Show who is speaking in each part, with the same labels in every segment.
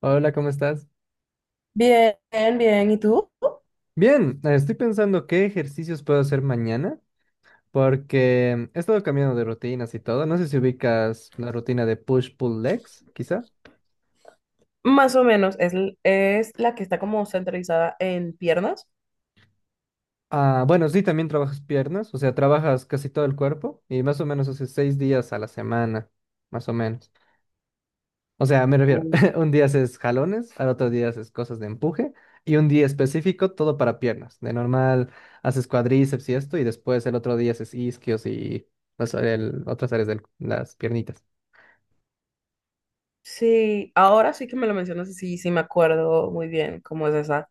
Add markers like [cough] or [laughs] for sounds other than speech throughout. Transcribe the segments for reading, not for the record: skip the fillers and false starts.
Speaker 1: Hola, ¿cómo estás?
Speaker 2: Bien, bien. ¿Y tú?
Speaker 1: Bien, estoy pensando qué ejercicios puedo hacer mañana porque he estado cambiando de rutinas y todo. No sé si ubicas la rutina de push-pull legs, quizá.
Speaker 2: Más o menos. Es la que está como centralizada en piernas.
Speaker 1: Ah, bueno, sí, también trabajas piernas, o sea, trabajas casi todo el cuerpo y más o menos hace 6 días a la semana, más o menos. O sea, me refiero,
Speaker 2: Mm.
Speaker 1: [laughs] un día haces jalones, al otro día haces cosas de empuje y un día específico todo para piernas. De normal haces cuadríceps y esto y después el otro día haces isquios y otras áreas de las piernitas.
Speaker 2: Sí, ahora sí que me lo mencionas y sí, sí me acuerdo muy bien cómo es esa.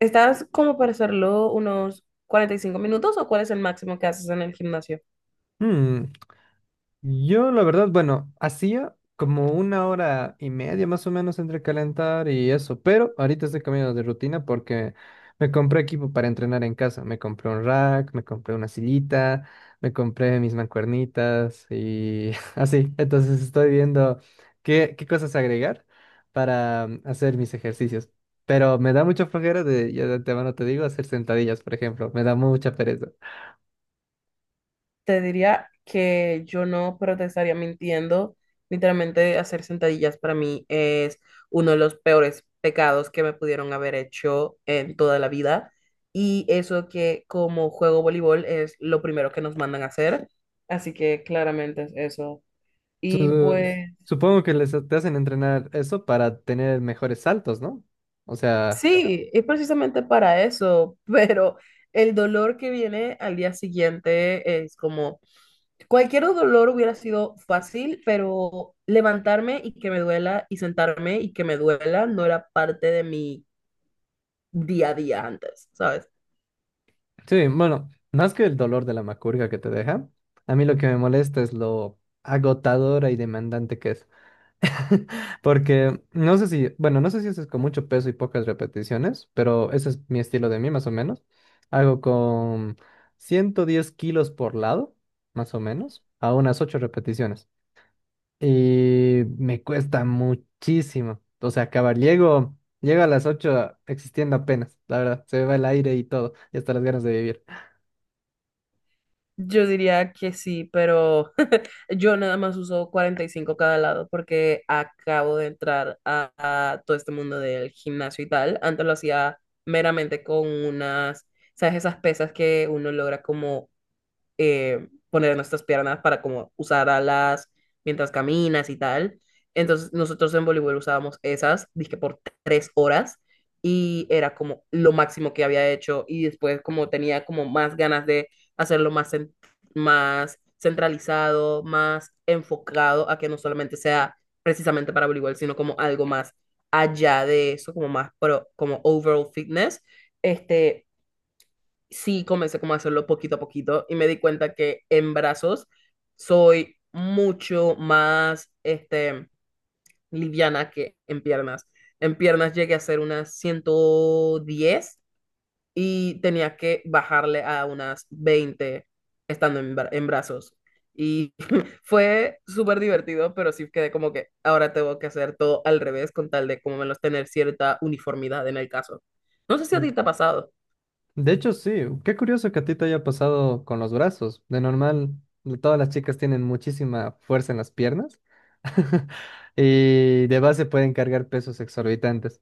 Speaker 2: ¿Estás como para hacerlo unos 45 minutos o cuál es el máximo que haces en el gimnasio?
Speaker 1: Yo, la verdad, bueno, hacía como una hora y media más o menos entre calentar y eso, pero ahorita estoy cambiando de rutina porque me compré equipo para entrenar en casa. Me compré un rack, me compré una sillita, me compré mis mancuernitas y [laughs] así. Entonces estoy viendo qué cosas agregar para hacer mis ejercicios. Pero me da mucha flojera de, ya de antemano te digo, hacer sentadillas, por ejemplo. Me da mucha pereza.
Speaker 2: Te diría que yo no, pero te estaría mintiendo. Literalmente hacer sentadillas para mí es uno de los peores pecados que me pudieron haber hecho en toda la vida. Y eso que como juego voleibol es lo primero que nos mandan a hacer. Así que claramente es eso. Y
Speaker 1: Su-
Speaker 2: pues...
Speaker 1: Supongo que les te hacen entrenar eso para tener mejores saltos, ¿no? O sea,
Speaker 2: Sí, es precisamente para eso, [laughs] pero el dolor que viene al día siguiente es como. Cualquier dolor hubiera sido fácil, pero levantarme y que me duela y sentarme y que me duela no era parte de mi día a día antes, ¿sabes?
Speaker 1: sí, bueno, más que el dolor de la macurga que te deja, a mí lo que me molesta es lo agotadora y demandante que es. Porque no sé si, bueno, no sé si haces con mucho peso y pocas repeticiones, pero ese es mi estilo de mí, más o menos. Hago con 110 kilos por lado, más o menos, a unas 8 repeticiones. Y me cuesta muchísimo. O sea, acabar. Llego a las 8 existiendo apenas, la verdad. Se me va el aire y todo. Y hasta las ganas de vivir.
Speaker 2: Yo diría que sí, pero yo nada más uso 45 cada lado porque acabo de entrar a todo este mundo del gimnasio y tal. Antes lo hacía meramente con unas, ¿sabes? Esas pesas que uno logra como poner nuestras piernas para como usar alas mientras caminas y tal. Entonces nosotros en voleibol usábamos esas, dije, por 3 horas y era como lo máximo que había hecho y después como tenía como más ganas de hacerlo más, más centralizado, más enfocado a que no solamente sea precisamente para voleibol, sino como algo más allá de eso, como más pro, como overall fitness. Este, sí comencé como a hacerlo poquito a poquito y me di cuenta que en brazos soy mucho más liviana que en piernas. En piernas llegué a hacer unas 110 y tenía que bajarle a unas 20 estando en brazos. Y [laughs] fue súper divertido, pero sí quedé como que ahora tengo que hacer todo al revés con tal de como menos tener cierta uniformidad en el caso. No sé si a
Speaker 1: Mm.
Speaker 2: ti te ha pasado.
Speaker 1: De hecho, sí. Qué curioso que a ti te haya pasado con los brazos. De normal, todas las chicas tienen muchísima fuerza en las piernas. [laughs] Y de base pueden cargar pesos exorbitantes.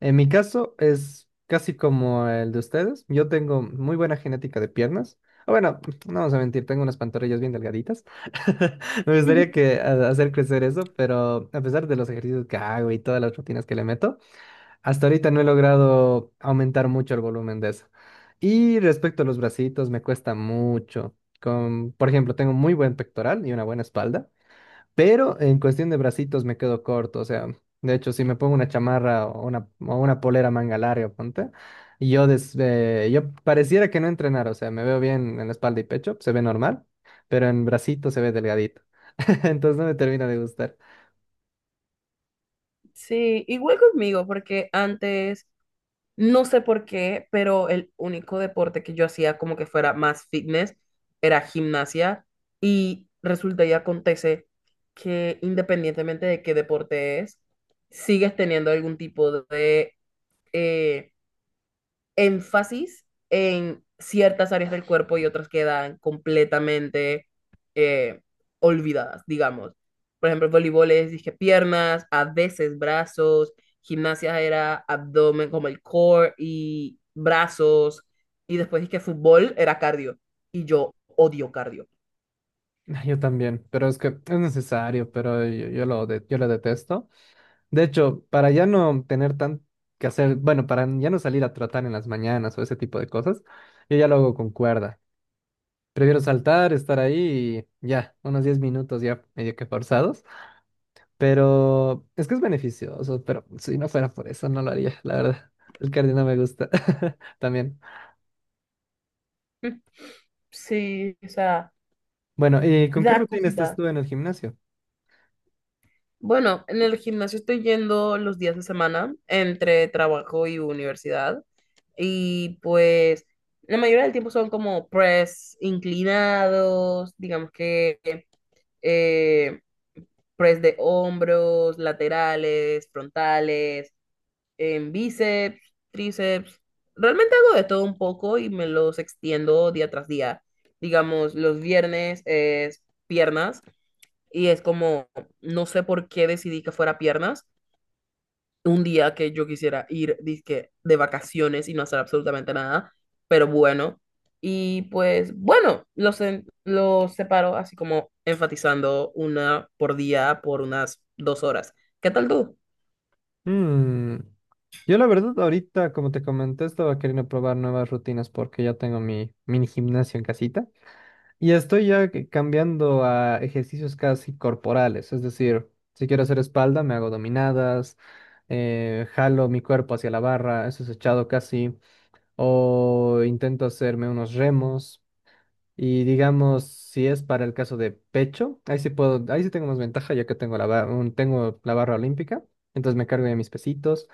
Speaker 1: En mi caso es casi como el de ustedes. Yo tengo muy buena genética de piernas. Ah, bueno, no vamos a mentir, tengo unas pantorrillas bien delgaditas. [laughs] Me gustaría
Speaker 2: [laughs]
Speaker 1: hacer crecer eso, pero a pesar de los ejercicios que hago y todas las rutinas que le meto, hasta ahorita no he logrado aumentar mucho el volumen de eso. Y respecto a los bracitos, me cuesta mucho. Con, por ejemplo, tengo muy buen pectoral y una buena espalda. Pero en cuestión de bracitos me quedo corto, o sea, de hecho, si me pongo una chamarra o una polera manga larga, ponte, y yo, yo pareciera que no entrenar, o sea, me veo bien en la espalda y pecho, se ve normal, pero en bracito se ve delgadito, [laughs] entonces no me termina de gustar.
Speaker 2: Sí, igual conmigo, porque antes, no sé por qué, pero el único deporte que yo hacía como que fuera más fitness era gimnasia y resulta y acontece que independientemente de qué deporte es, sigues teniendo algún tipo de, eh, énfasis en ciertas áreas del cuerpo y otras quedan completamente eh, olvidadas, digamos. Por ejemplo, voleibol es, dije, piernas, a veces brazos; gimnasia era abdomen, como el core y brazos, y después dije, fútbol era cardio, y yo odio cardio.
Speaker 1: Ah, yo también, pero es que es necesario, pero yo lo detesto. De hecho, para ya no tener tan que hacer, bueno, para ya no salir a trotar en las mañanas o ese tipo de cosas, yo ya lo hago con cuerda. Prefiero saltar, estar ahí y ya, unos 10 minutos ya medio que forzados. Pero es que es beneficioso, pero si no fuera por eso no lo haría, la verdad. El cardio no me gusta [laughs] también.
Speaker 2: [laughs] Sí, o sea,
Speaker 1: Bueno, ¿y con qué
Speaker 2: da
Speaker 1: rutina estás
Speaker 2: cosita.
Speaker 1: tú en el gimnasio?
Speaker 2: Bueno, en el gimnasio estoy yendo los días de semana entre trabajo y universidad. Y pues la mayoría del tiempo son como press inclinados, digamos que eh, press de hombros, laterales, frontales, en bíceps, tríceps. Realmente hago de todo un poco y me los extiendo día tras día. Digamos, los viernes es piernas, y es como, no sé por qué decidí que fuera piernas un día que yo quisiera ir dizque, de vacaciones y no hacer absolutamente nada, pero bueno. Y pues bueno, los separo así como enfatizando una por día por unas 2 horas. ¿Qué tal tú?
Speaker 1: Mm, Yo la verdad ahorita, como te comenté, estaba queriendo probar nuevas rutinas porque ya tengo mi mini gimnasio en casita. Y estoy ya cambiando a ejercicios casi corporales, es decir, si quiero hacer espalda, me hago dominadas, jalo mi cuerpo hacia la barra, eso es echado casi, o intento hacerme unos remos. Y digamos, si es para el caso de pecho, ahí sí puedo, ahí sí tengo más ventaja ya que tengo tengo la barra olímpica, entonces me cargo ya mis pesitos.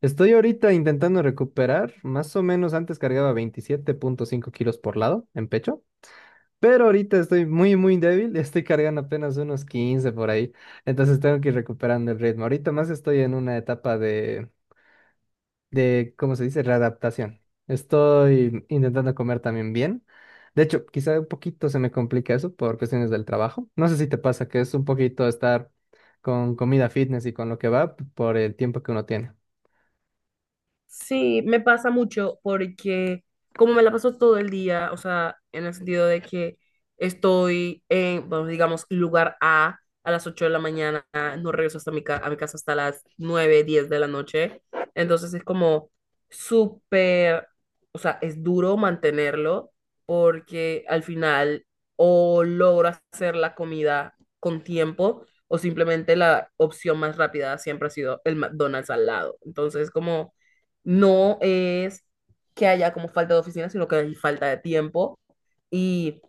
Speaker 1: Estoy ahorita intentando recuperar, más o menos antes cargaba 27,5 kilos por lado en pecho. Pero ahorita estoy muy, muy débil, estoy cargando apenas unos 15 por ahí, entonces tengo que ir recuperando el ritmo. Ahorita más estoy en una etapa de, ¿cómo se dice? Readaptación. Estoy intentando comer también bien. De hecho, quizá un poquito se me complica eso por cuestiones del trabajo. No sé si te pasa que es un poquito estar con comida fitness y con lo que va por el tiempo que uno tiene.
Speaker 2: Sí, me pasa mucho porque como me la paso todo el día, o sea, en el sentido de que estoy en, bueno, digamos, lugar A a las 8 de la mañana, no regreso hasta a mi casa hasta las 9:10 de la noche, entonces es como súper, o sea, es duro mantenerlo porque al final o logro hacer la comida con tiempo o simplemente la opción más rápida siempre ha sido el McDonald's al lado, entonces como no es que haya como falta de oficina, sino que hay falta de tiempo y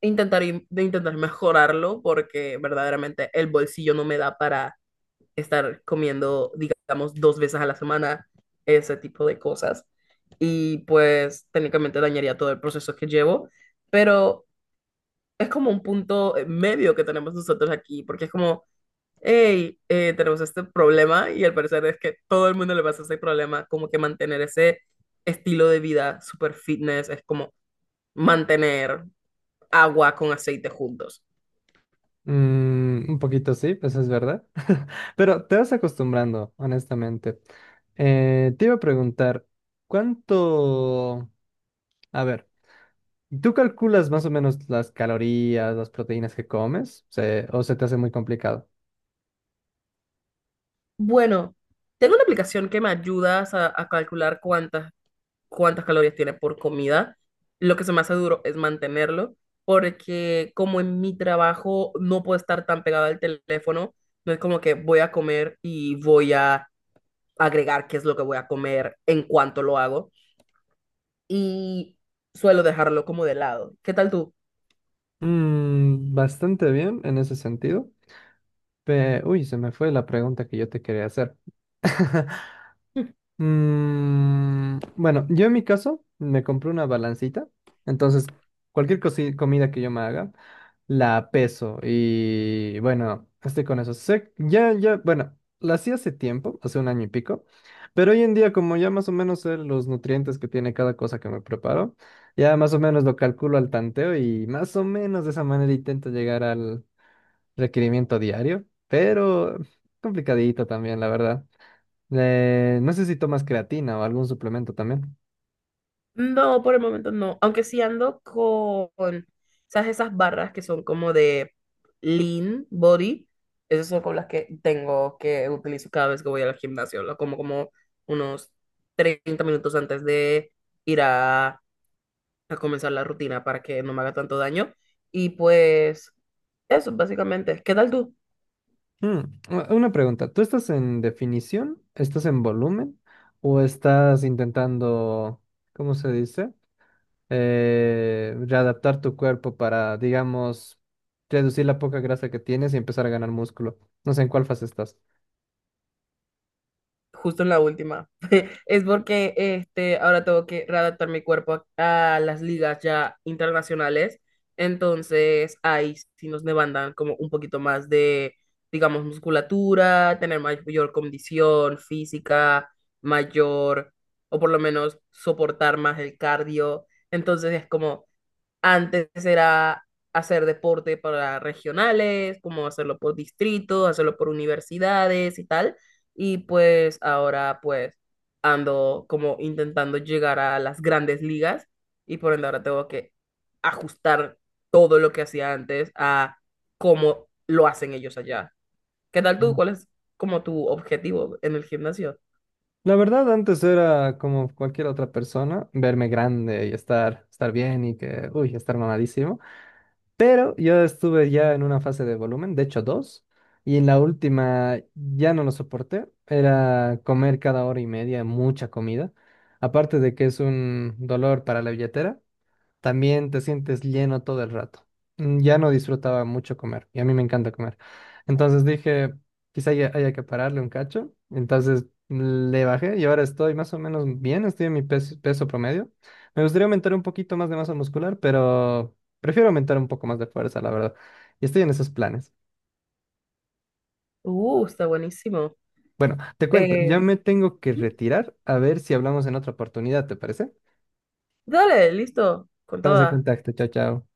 Speaker 2: intentar, de intentar mejorarlo porque verdaderamente el bolsillo no me da para estar comiendo, digamos, 2 veces a la semana ese tipo de cosas y pues técnicamente dañaría todo el proceso que llevo, pero es como un punto medio que tenemos nosotros aquí porque es como hey, tenemos este problema y al parecer es que todo el mundo le pasa ese problema, como que mantener ese estilo de vida super fitness es como mantener agua con aceite juntos.
Speaker 1: Un poquito sí, pues es verdad. [laughs] Pero te vas acostumbrando, honestamente. Te iba a preguntar, ¿cuánto... A ver, ¿tú calculas más o menos las calorías, las proteínas que comes? ¿O se te hace muy complicado?
Speaker 2: Bueno, tengo una aplicación que me ayuda a calcular cuántas calorías tiene por comida. Lo que se me hace duro es mantenerlo, porque como en mi trabajo no puedo estar tan pegado al teléfono, no es como que voy a comer y voy a agregar qué es lo que voy a comer en cuanto lo hago y suelo dejarlo como de lado. ¿Qué tal tú?
Speaker 1: Bastante bien en ese sentido. Uy, se me fue la pregunta que yo te quería hacer. [laughs] Bueno, yo en mi caso me compré una balancita, entonces comida que yo me haga, la peso y bueno, estoy con eso. Ya, ya, bueno, la hacía hace tiempo, hace un año y pico, pero hoy en día como ya más o menos sé los nutrientes que tiene cada cosa que me preparo, ya más o menos lo calculo al tanteo y más o menos de esa manera intento llegar al requerimiento diario, pero complicadito también, la verdad. No sé si tomas creatina o algún suplemento también.
Speaker 2: No, por el momento no. Aunque sí ando con, ¿sabes? Esas barras que son como de lean body. Esas son con las que tengo que utilizo cada vez que voy al gimnasio. Lo como como unos 30 minutos antes de ir a comenzar la rutina para que no me haga tanto daño. Y pues eso, básicamente. ¿Qué tal tú?
Speaker 1: Mm, una pregunta, ¿tú estás en definición? ¿Estás en volumen? ¿O estás intentando? ¿Cómo se dice? Readaptar tu cuerpo para, digamos, reducir la poca grasa que tienes y empezar a ganar músculo. No sé en cuál fase estás.
Speaker 2: Justo en la última. Es porque este, ahora tengo que readaptar mi cuerpo a las ligas ya internacionales. Entonces, ahí sí nos demandan como un poquito más de, digamos, musculatura, tener mayor condición física, mayor, o por lo menos soportar más el cardio. Entonces, es como, antes era hacer deporte para regionales, como hacerlo por distrito, hacerlo por universidades y tal. Y pues ahora pues ando como intentando llegar a las grandes ligas y por ende ahora tengo que ajustar todo lo que hacía antes a cómo lo hacen ellos allá. ¿Qué tal tú?
Speaker 1: Mm.
Speaker 2: ¿Cuál es como tu objetivo en el gimnasio?
Speaker 1: La verdad, antes era como cualquier otra persona, verme grande y estar bien y que, uy, estar mamadísimo. Pero yo estuve ya en una fase de volumen, de hecho dos, y en la última ya no lo soporté. Era comer cada hora y media mucha comida. Aparte de que es un dolor para la billetera, también te sientes lleno todo el rato. Ya no disfrutaba mucho comer y a mí me encanta comer. Entonces dije, haya que pararle un cacho. Entonces le bajé y ahora estoy más o menos bien, estoy en mi peso, peso promedio. Me gustaría aumentar un poquito más de masa muscular, pero prefiero aumentar un poco más de fuerza, la verdad. Y estoy en esos planes.
Speaker 2: Está buenísimo.
Speaker 1: Te cuento,
Speaker 2: Eh,
Speaker 1: ya me tengo que retirar a ver si hablamos en otra oportunidad, ¿te parece?
Speaker 2: Dale, listo, con
Speaker 1: Estamos en
Speaker 2: toda.
Speaker 1: contacto, chao, chao.